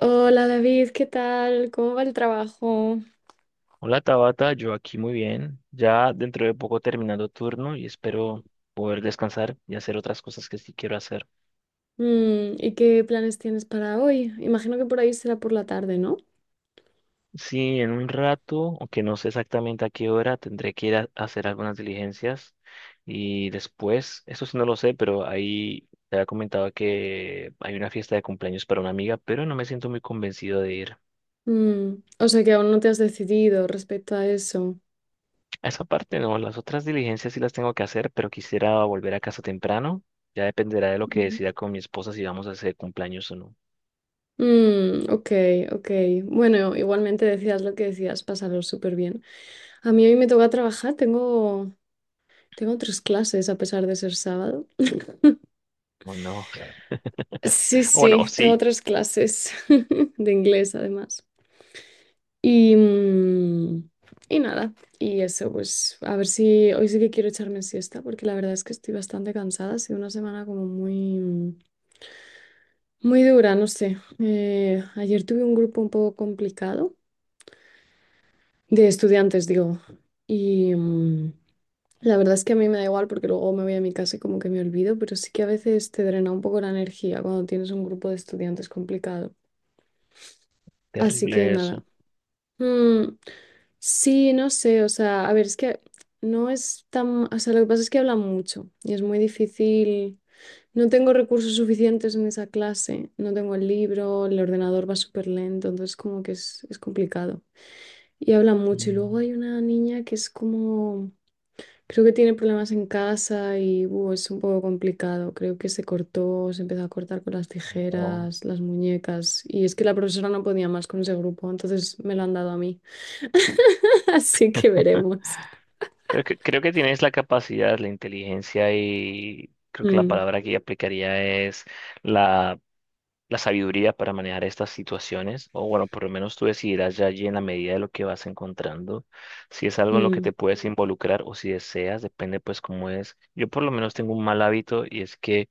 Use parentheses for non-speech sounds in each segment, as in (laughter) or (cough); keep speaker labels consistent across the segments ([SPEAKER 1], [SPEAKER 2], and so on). [SPEAKER 1] Hola David, ¿qué tal? ¿Cómo va el trabajo?
[SPEAKER 2] Hola Tabata, yo aquí muy bien, ya dentro de poco terminando turno y espero poder descansar y hacer otras cosas que sí quiero hacer.
[SPEAKER 1] ¿Y qué planes tienes para hoy? Imagino que por ahí será por la tarde, ¿no?
[SPEAKER 2] Sí, en un rato, aunque no sé exactamente a qué hora, tendré que ir a hacer algunas diligencias y después, eso sí no lo sé, pero ahí te había comentado que hay una fiesta de cumpleaños para una amiga, pero no me siento muy convencido de ir.
[SPEAKER 1] O sea que aún no te has decidido respecto a eso.
[SPEAKER 2] A esa parte no, las otras diligencias sí las tengo que hacer, pero quisiera volver a casa temprano. Ya dependerá de lo que
[SPEAKER 1] Ujú.
[SPEAKER 2] decida con mi esposa si vamos a hacer cumpleaños o no.
[SPEAKER 1] Mm, ok, ok. Bueno, igualmente decías lo que decías, pasarlo súper bien. A mí hoy me toca trabajar, tengo tres clases a pesar de ser sábado.
[SPEAKER 2] O no.
[SPEAKER 1] Sí,
[SPEAKER 2] O no,
[SPEAKER 1] sí, tengo
[SPEAKER 2] sí.
[SPEAKER 1] tres clases (laughs) de inglés además. Y, y nada, y eso, pues a ver si hoy sí que quiero echarme siesta, porque la verdad es que estoy bastante cansada, ha sido una semana como muy, muy dura, no sé. Ayer tuve un grupo un poco complicado de estudiantes, digo, y la verdad es que a mí me da igual porque luego me voy a mi casa y como que me olvido, pero sí que a veces te drena un poco la energía cuando tienes un grupo de estudiantes complicado. Así
[SPEAKER 2] Terrible
[SPEAKER 1] que
[SPEAKER 2] eso.
[SPEAKER 1] nada. Mm, sí, no sé, o sea, a ver, es que no es tan, o sea, lo que pasa es que habla mucho y es muy difícil. No tengo recursos suficientes en esa clase, no tengo el libro, el ordenador va súper lento, entonces como que es complicado. Y habla mucho y
[SPEAKER 2] Mm.
[SPEAKER 1] luego hay una niña que es como, creo que tiene problemas en casa y es un poco complicado, creo que se cortó, se empezó a cortar con las
[SPEAKER 2] No.
[SPEAKER 1] tijeras, las muñecas y es que la profesora no podía más con ese grupo, entonces me lo han dado a mí. (laughs) Así que veremos.
[SPEAKER 2] Creo que tienes la capacidad, la inteligencia y creo que la
[SPEAKER 1] Mm,
[SPEAKER 2] palabra que yo aplicaría es la, la sabiduría para manejar estas situaciones. O bueno, por lo menos tú decidirás ya allí en la medida de lo que vas encontrando. Si es algo en lo que
[SPEAKER 1] mm,
[SPEAKER 2] te puedes involucrar o si deseas, depende pues cómo es. Yo por lo menos tengo un mal hábito y es que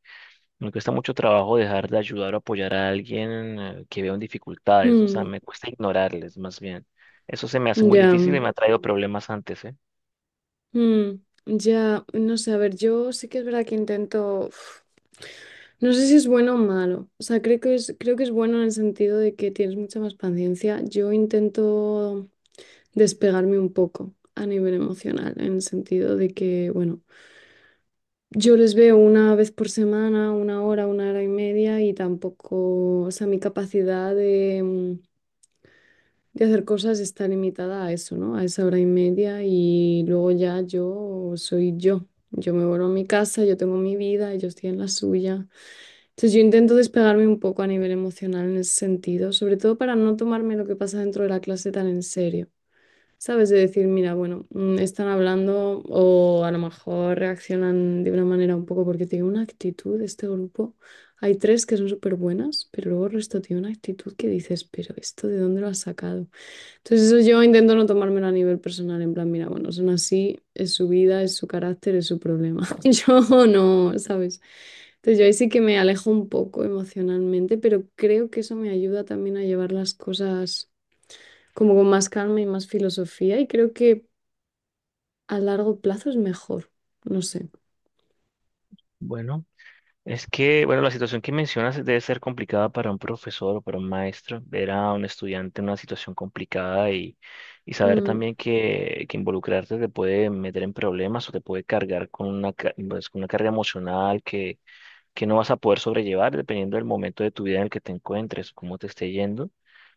[SPEAKER 2] me cuesta mucho trabajo dejar de ayudar o apoyar a alguien que veo en dificultades, o sea,
[SPEAKER 1] mm,
[SPEAKER 2] me cuesta ignorarles más bien. Eso se me hace muy
[SPEAKER 1] ya,
[SPEAKER 2] difícil y me ha traído problemas antes, ¿eh?
[SPEAKER 1] mm, ya, no sé, a ver, yo sí que es verdad que intento, uf, no sé si es bueno o malo, o sea, creo que es bueno en el sentido de que tienes mucha más paciencia. Yo intento despegarme un poco a nivel emocional, en el sentido de que, bueno, yo les veo una vez por semana, una hora y media y tampoco, o sea, mi capacidad de hacer cosas está limitada a eso, ¿no? A esa hora y media y luego ya yo soy yo. Yo me vuelvo a mi casa, yo tengo mi vida, yo estoy en la suya. Entonces yo intento despegarme un poco a nivel emocional en ese sentido, sobre todo para no tomarme lo que pasa dentro de la clase tan en serio. ¿Sabes? De decir, mira, bueno, están hablando o a lo mejor reaccionan de una manera un poco porque tiene una actitud este grupo. Hay tres que son súper buenas, pero luego el resto tiene una actitud que dices, pero ¿esto de dónde lo has sacado? Entonces eso yo intento no tomármelo a nivel personal, en plan, mira, bueno, son así, es su vida, es su carácter, es su problema. (laughs) Yo no, ¿sabes? Entonces yo ahí sí que me alejo un poco emocionalmente, pero creo que eso me ayuda también a llevar las cosas como con más calma y más filosofía y creo que a largo plazo es mejor, no sé.
[SPEAKER 2] Bueno, es que, bueno, la situación que mencionas debe ser complicada para un profesor o para un maestro, ver a un estudiante en una situación complicada y saber
[SPEAKER 1] Mm.
[SPEAKER 2] también que involucrarte te puede meter en problemas o te puede cargar con una, pues, con una carga emocional que no vas a poder sobrellevar dependiendo del momento de tu vida en el que te encuentres, cómo te esté yendo.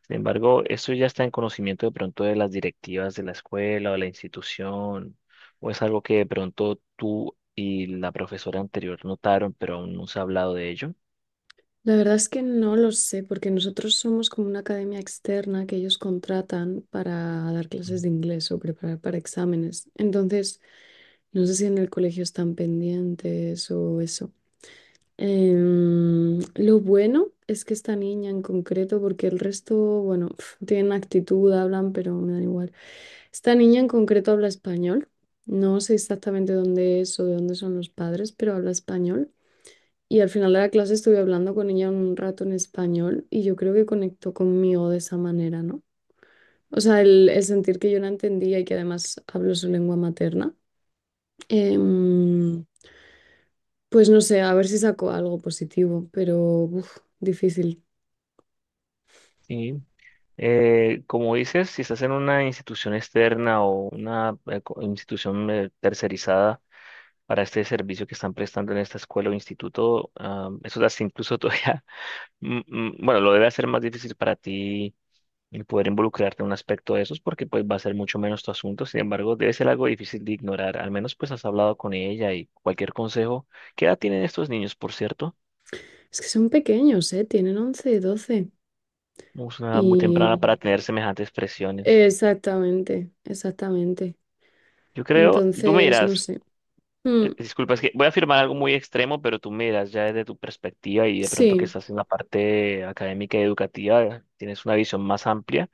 [SPEAKER 2] Sin embargo, eso ya está en conocimiento de pronto de las directivas de la escuela o de la institución, o es algo que de pronto tú y la profesora anterior notaron, pero aún no se ha hablado de ello.
[SPEAKER 1] La verdad es que no lo sé, porque nosotros somos como una academia externa que ellos contratan para dar clases de inglés o preparar para exámenes. Entonces, no sé si en el colegio están pendientes o eso. Lo bueno es que esta niña en concreto, porque el resto, bueno, pf, tienen actitud, hablan, pero me da igual. Esta niña en concreto habla español. No sé exactamente dónde es o de dónde son los padres, pero habla español. Y al final de la clase estuve hablando con ella un rato en español y yo creo que conectó conmigo de esa manera, ¿no? O sea, el sentir que yo la entendía y que además hablo su lengua materna. Em, pues no sé, a ver si saco algo positivo, pero uf, difícil.
[SPEAKER 2] Sí. Como dices, si estás en una institución externa o una institución tercerizada, para este servicio que están prestando en esta escuela o instituto. Ah, eso da incluso (laughs) todavía. Mm, mm, bueno, lo debe hacer más difícil para ti el poder involucrarte en un aspecto de esos porque pues va a ser mucho menos tu asunto. Sin embargo, debe ser algo difícil de ignorar. Al menos pues has hablado con ella y cualquier consejo. ¿Qué edad tienen estos niños, por cierto?
[SPEAKER 1] Es que son pequeños, ¿eh? Tienen 11, 12.
[SPEAKER 2] No. Es una edad muy temprana para
[SPEAKER 1] Y
[SPEAKER 2] tener semejantes presiones.
[SPEAKER 1] exactamente, exactamente.
[SPEAKER 2] Yo creo,
[SPEAKER 1] Entonces, no sé. Mm,
[SPEAKER 2] disculpa, es que voy a afirmar algo muy extremo, pero tú miras ya desde tu perspectiva y de pronto que
[SPEAKER 1] sí.
[SPEAKER 2] estás en la parte académica y educativa, tienes una visión más amplia.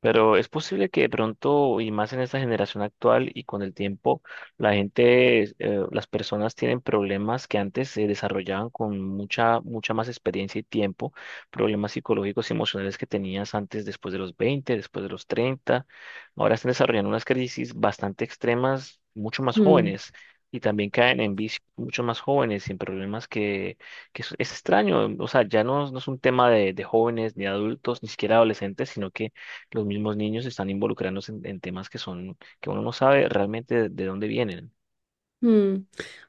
[SPEAKER 2] Pero es posible que de pronto, y más en esta generación actual y con el tiempo, la gente, las personas tienen problemas que antes se desarrollaban con mucha, mucha más experiencia y tiempo, problemas psicológicos y emocionales que tenías antes, después de los 20, después de los 30. Ahora están desarrollando unas crisis bastante extremas, mucho más
[SPEAKER 1] Mm.
[SPEAKER 2] jóvenes. Y también caen en vicios mucho más jóvenes y en problemas que, es extraño. O sea, ya no, no es un tema de jóvenes, ni adultos, ni siquiera adolescentes, sino que los mismos niños están involucrándose en temas que son, que uno no sabe realmente de dónde vienen.
[SPEAKER 1] Mm,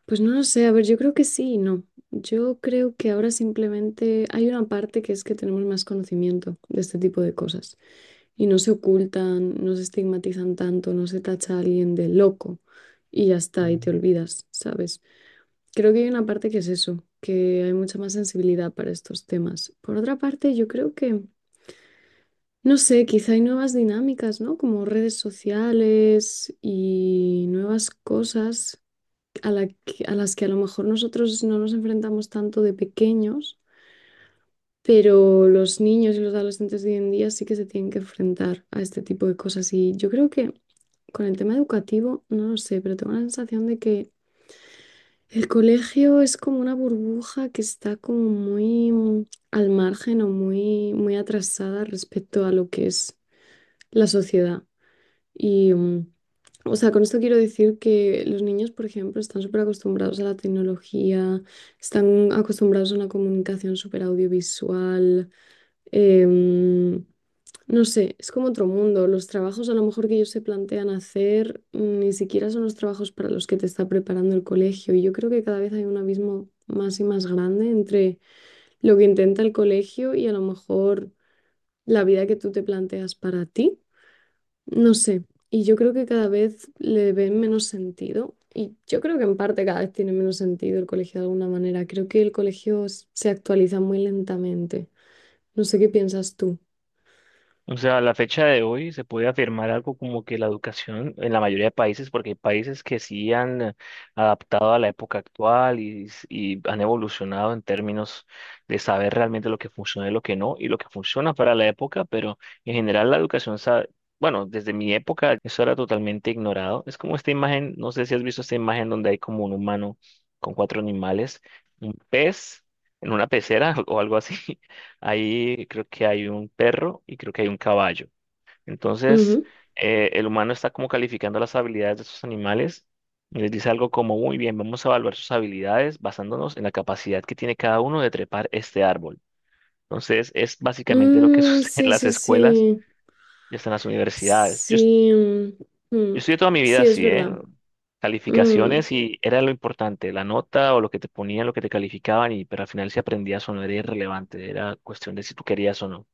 [SPEAKER 1] Pues no lo sé, a ver, yo creo que sí y no. Yo creo que ahora simplemente hay una parte que es que tenemos más conocimiento de este tipo de cosas y no se ocultan, no se estigmatizan tanto, no se tacha a alguien de loco y ya está, y te olvidas, ¿sabes? Creo que hay una parte que es eso, que hay mucha más sensibilidad para estos temas. Por otra parte, yo creo que, no sé, quizá hay nuevas dinámicas, ¿no? Como redes sociales y nuevas cosas a las que a lo mejor nosotros no nos enfrentamos tanto de pequeños, pero los niños y los adolescentes de hoy en día sí que se tienen que enfrentar a este tipo de cosas. Y yo creo que con el tema educativo, no lo sé, pero tengo la sensación de que el colegio es como una burbuja que está como muy al margen o muy, muy atrasada respecto a lo que es la sociedad. Y, o sea, con esto quiero decir que los niños, por ejemplo, están súper acostumbrados a la tecnología, están acostumbrados a una comunicación súper audiovisual. em, no sé, es como otro mundo. Los trabajos a lo mejor que ellos se plantean hacer ni siquiera son los trabajos para los que te está preparando el colegio. Y yo creo que cada vez hay un abismo más y más grande entre lo que intenta el colegio y a lo mejor la vida que tú te planteas para ti. No sé, y yo creo que cada vez le ven menos sentido, y yo creo que en parte cada vez tiene menos sentido el colegio de alguna manera. Creo que el colegio se actualiza muy lentamente. No sé qué piensas tú.
[SPEAKER 2] O sea, a la fecha de hoy se puede afirmar algo como que la educación en la mayoría de países, porque hay países que sí han adaptado a la época actual y han evolucionado en términos de saber realmente lo que funciona y lo que no, y lo que funciona para la época, pero en general la educación, bueno, desde mi época eso era totalmente ignorado. Es como esta imagen, no sé si has visto esta imagen donde hay como un humano con cuatro animales, un pez en una pecera (laughs) o algo así. Ahí creo que hay un perro y creo que hay un caballo. Entonces,
[SPEAKER 1] Ujú.
[SPEAKER 2] el humano está como calificando las habilidades de estos animales y les dice algo como, muy bien, vamos a evaluar sus habilidades basándonos en la capacidad que tiene cada uno de trepar este árbol. Entonces, es básicamente lo que (laughs)
[SPEAKER 1] Mm,
[SPEAKER 2] sucede en
[SPEAKER 1] sí,
[SPEAKER 2] las
[SPEAKER 1] sí,
[SPEAKER 2] escuelas
[SPEAKER 1] sí.
[SPEAKER 2] y hasta en las universidades.
[SPEAKER 1] Sí,
[SPEAKER 2] Yo estudié toda mi vida
[SPEAKER 1] sí, es
[SPEAKER 2] así, ¿eh?
[SPEAKER 1] verdad. Mm,
[SPEAKER 2] Calificaciones y era lo importante, la nota o lo que te ponían, lo que te calificaban, y, pero al final si aprendías o no era irrelevante, era cuestión de si tú querías o no.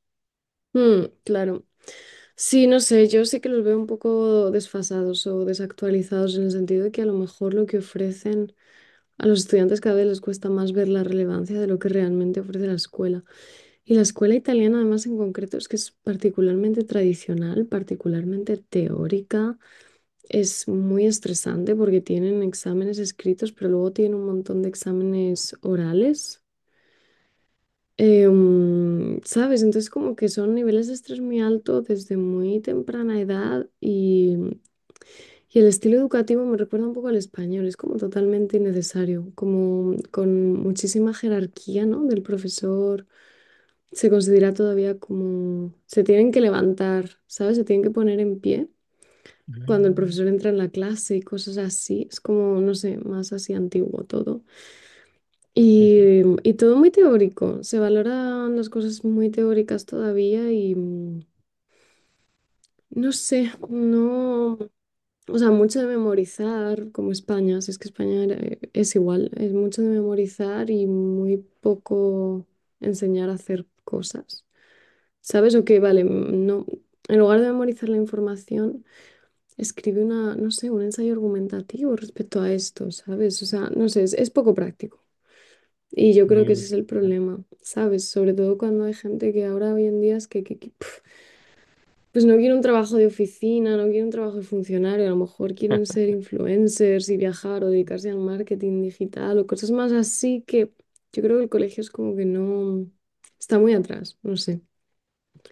[SPEAKER 1] mm, claro. Sí, no sé, yo sí que los veo un poco desfasados o desactualizados en el sentido de que a lo mejor lo que ofrecen. A los estudiantes cada vez les cuesta más ver la relevancia de lo que realmente ofrece la escuela. Y la escuela italiana, además, en concreto, es que es particularmente tradicional, particularmente teórica. Es muy estresante porque tienen exámenes escritos, pero luego tienen un montón de exámenes orales. ¿Sabes? Entonces, como que son niveles de estrés muy alto desde muy temprana edad y el estilo educativo me recuerda un poco al español, es como totalmente innecesario, como con muchísima jerarquía, ¿no? Del profesor, se considera todavía como, se tienen que levantar, ¿sabes? Se tienen que poner en pie cuando el
[SPEAKER 2] Mm.
[SPEAKER 1] profesor entra en la clase y cosas así, es como, no sé, más así antiguo todo.
[SPEAKER 2] Ujú.
[SPEAKER 1] Y todo muy teórico, se valoran las cosas muy teóricas todavía y no sé, no... O sea, mucho de memorizar, como España, o sea, es que España es igual, es mucho de memorizar y muy poco enseñar a hacer cosas. ¿Sabes? O que, vale, no, en lugar de memorizar la información, escribe una, no sé, un ensayo argumentativo respecto a esto, ¿sabes? O sea, no sé, es poco práctico. Y yo creo que
[SPEAKER 2] Mm.
[SPEAKER 1] ese es el problema, ¿sabes? Sobre todo cuando hay gente que ahora hoy en día es que pues no quieren un trabajo de oficina, no quieren un trabajo de funcionario, a lo mejor quieren ser influencers y viajar o dedicarse al marketing digital o cosas más así que yo creo que el colegio es como que no está muy atrás, no sé.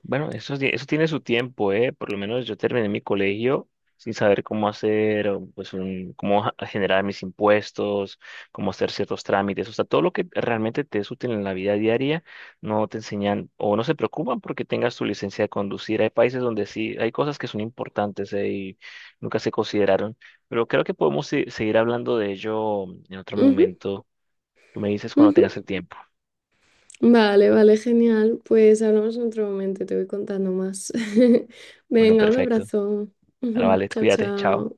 [SPEAKER 2] Bueno, eso tiene su tiempo, ¿eh? Por lo menos yo terminé mi colegio sin saber cómo hacer, o, pues, cómo generar mis impuestos, cómo hacer ciertos trámites. O sea, todo lo que realmente te es útil en la vida diaria, no te enseñan o no se preocupan porque tengas tu licencia de conducir. Hay países donde sí, hay cosas que son importantes, ¿eh? Y nunca se consideraron. Pero creo que podemos seguir hablando de ello en otro
[SPEAKER 1] Ujú,
[SPEAKER 2] momento. Tú me dices cuando
[SPEAKER 1] ujú.
[SPEAKER 2] tengas el tiempo.
[SPEAKER 1] Vale, vale, genial. Pues hablamos en otro momento, te voy contando más. (laughs)
[SPEAKER 2] Bueno,
[SPEAKER 1] Venga, un
[SPEAKER 2] perfecto.
[SPEAKER 1] abrazo.
[SPEAKER 2] Ahora
[SPEAKER 1] (laughs)
[SPEAKER 2] vale,
[SPEAKER 1] Chao,
[SPEAKER 2] cuídate, chao.
[SPEAKER 1] chao.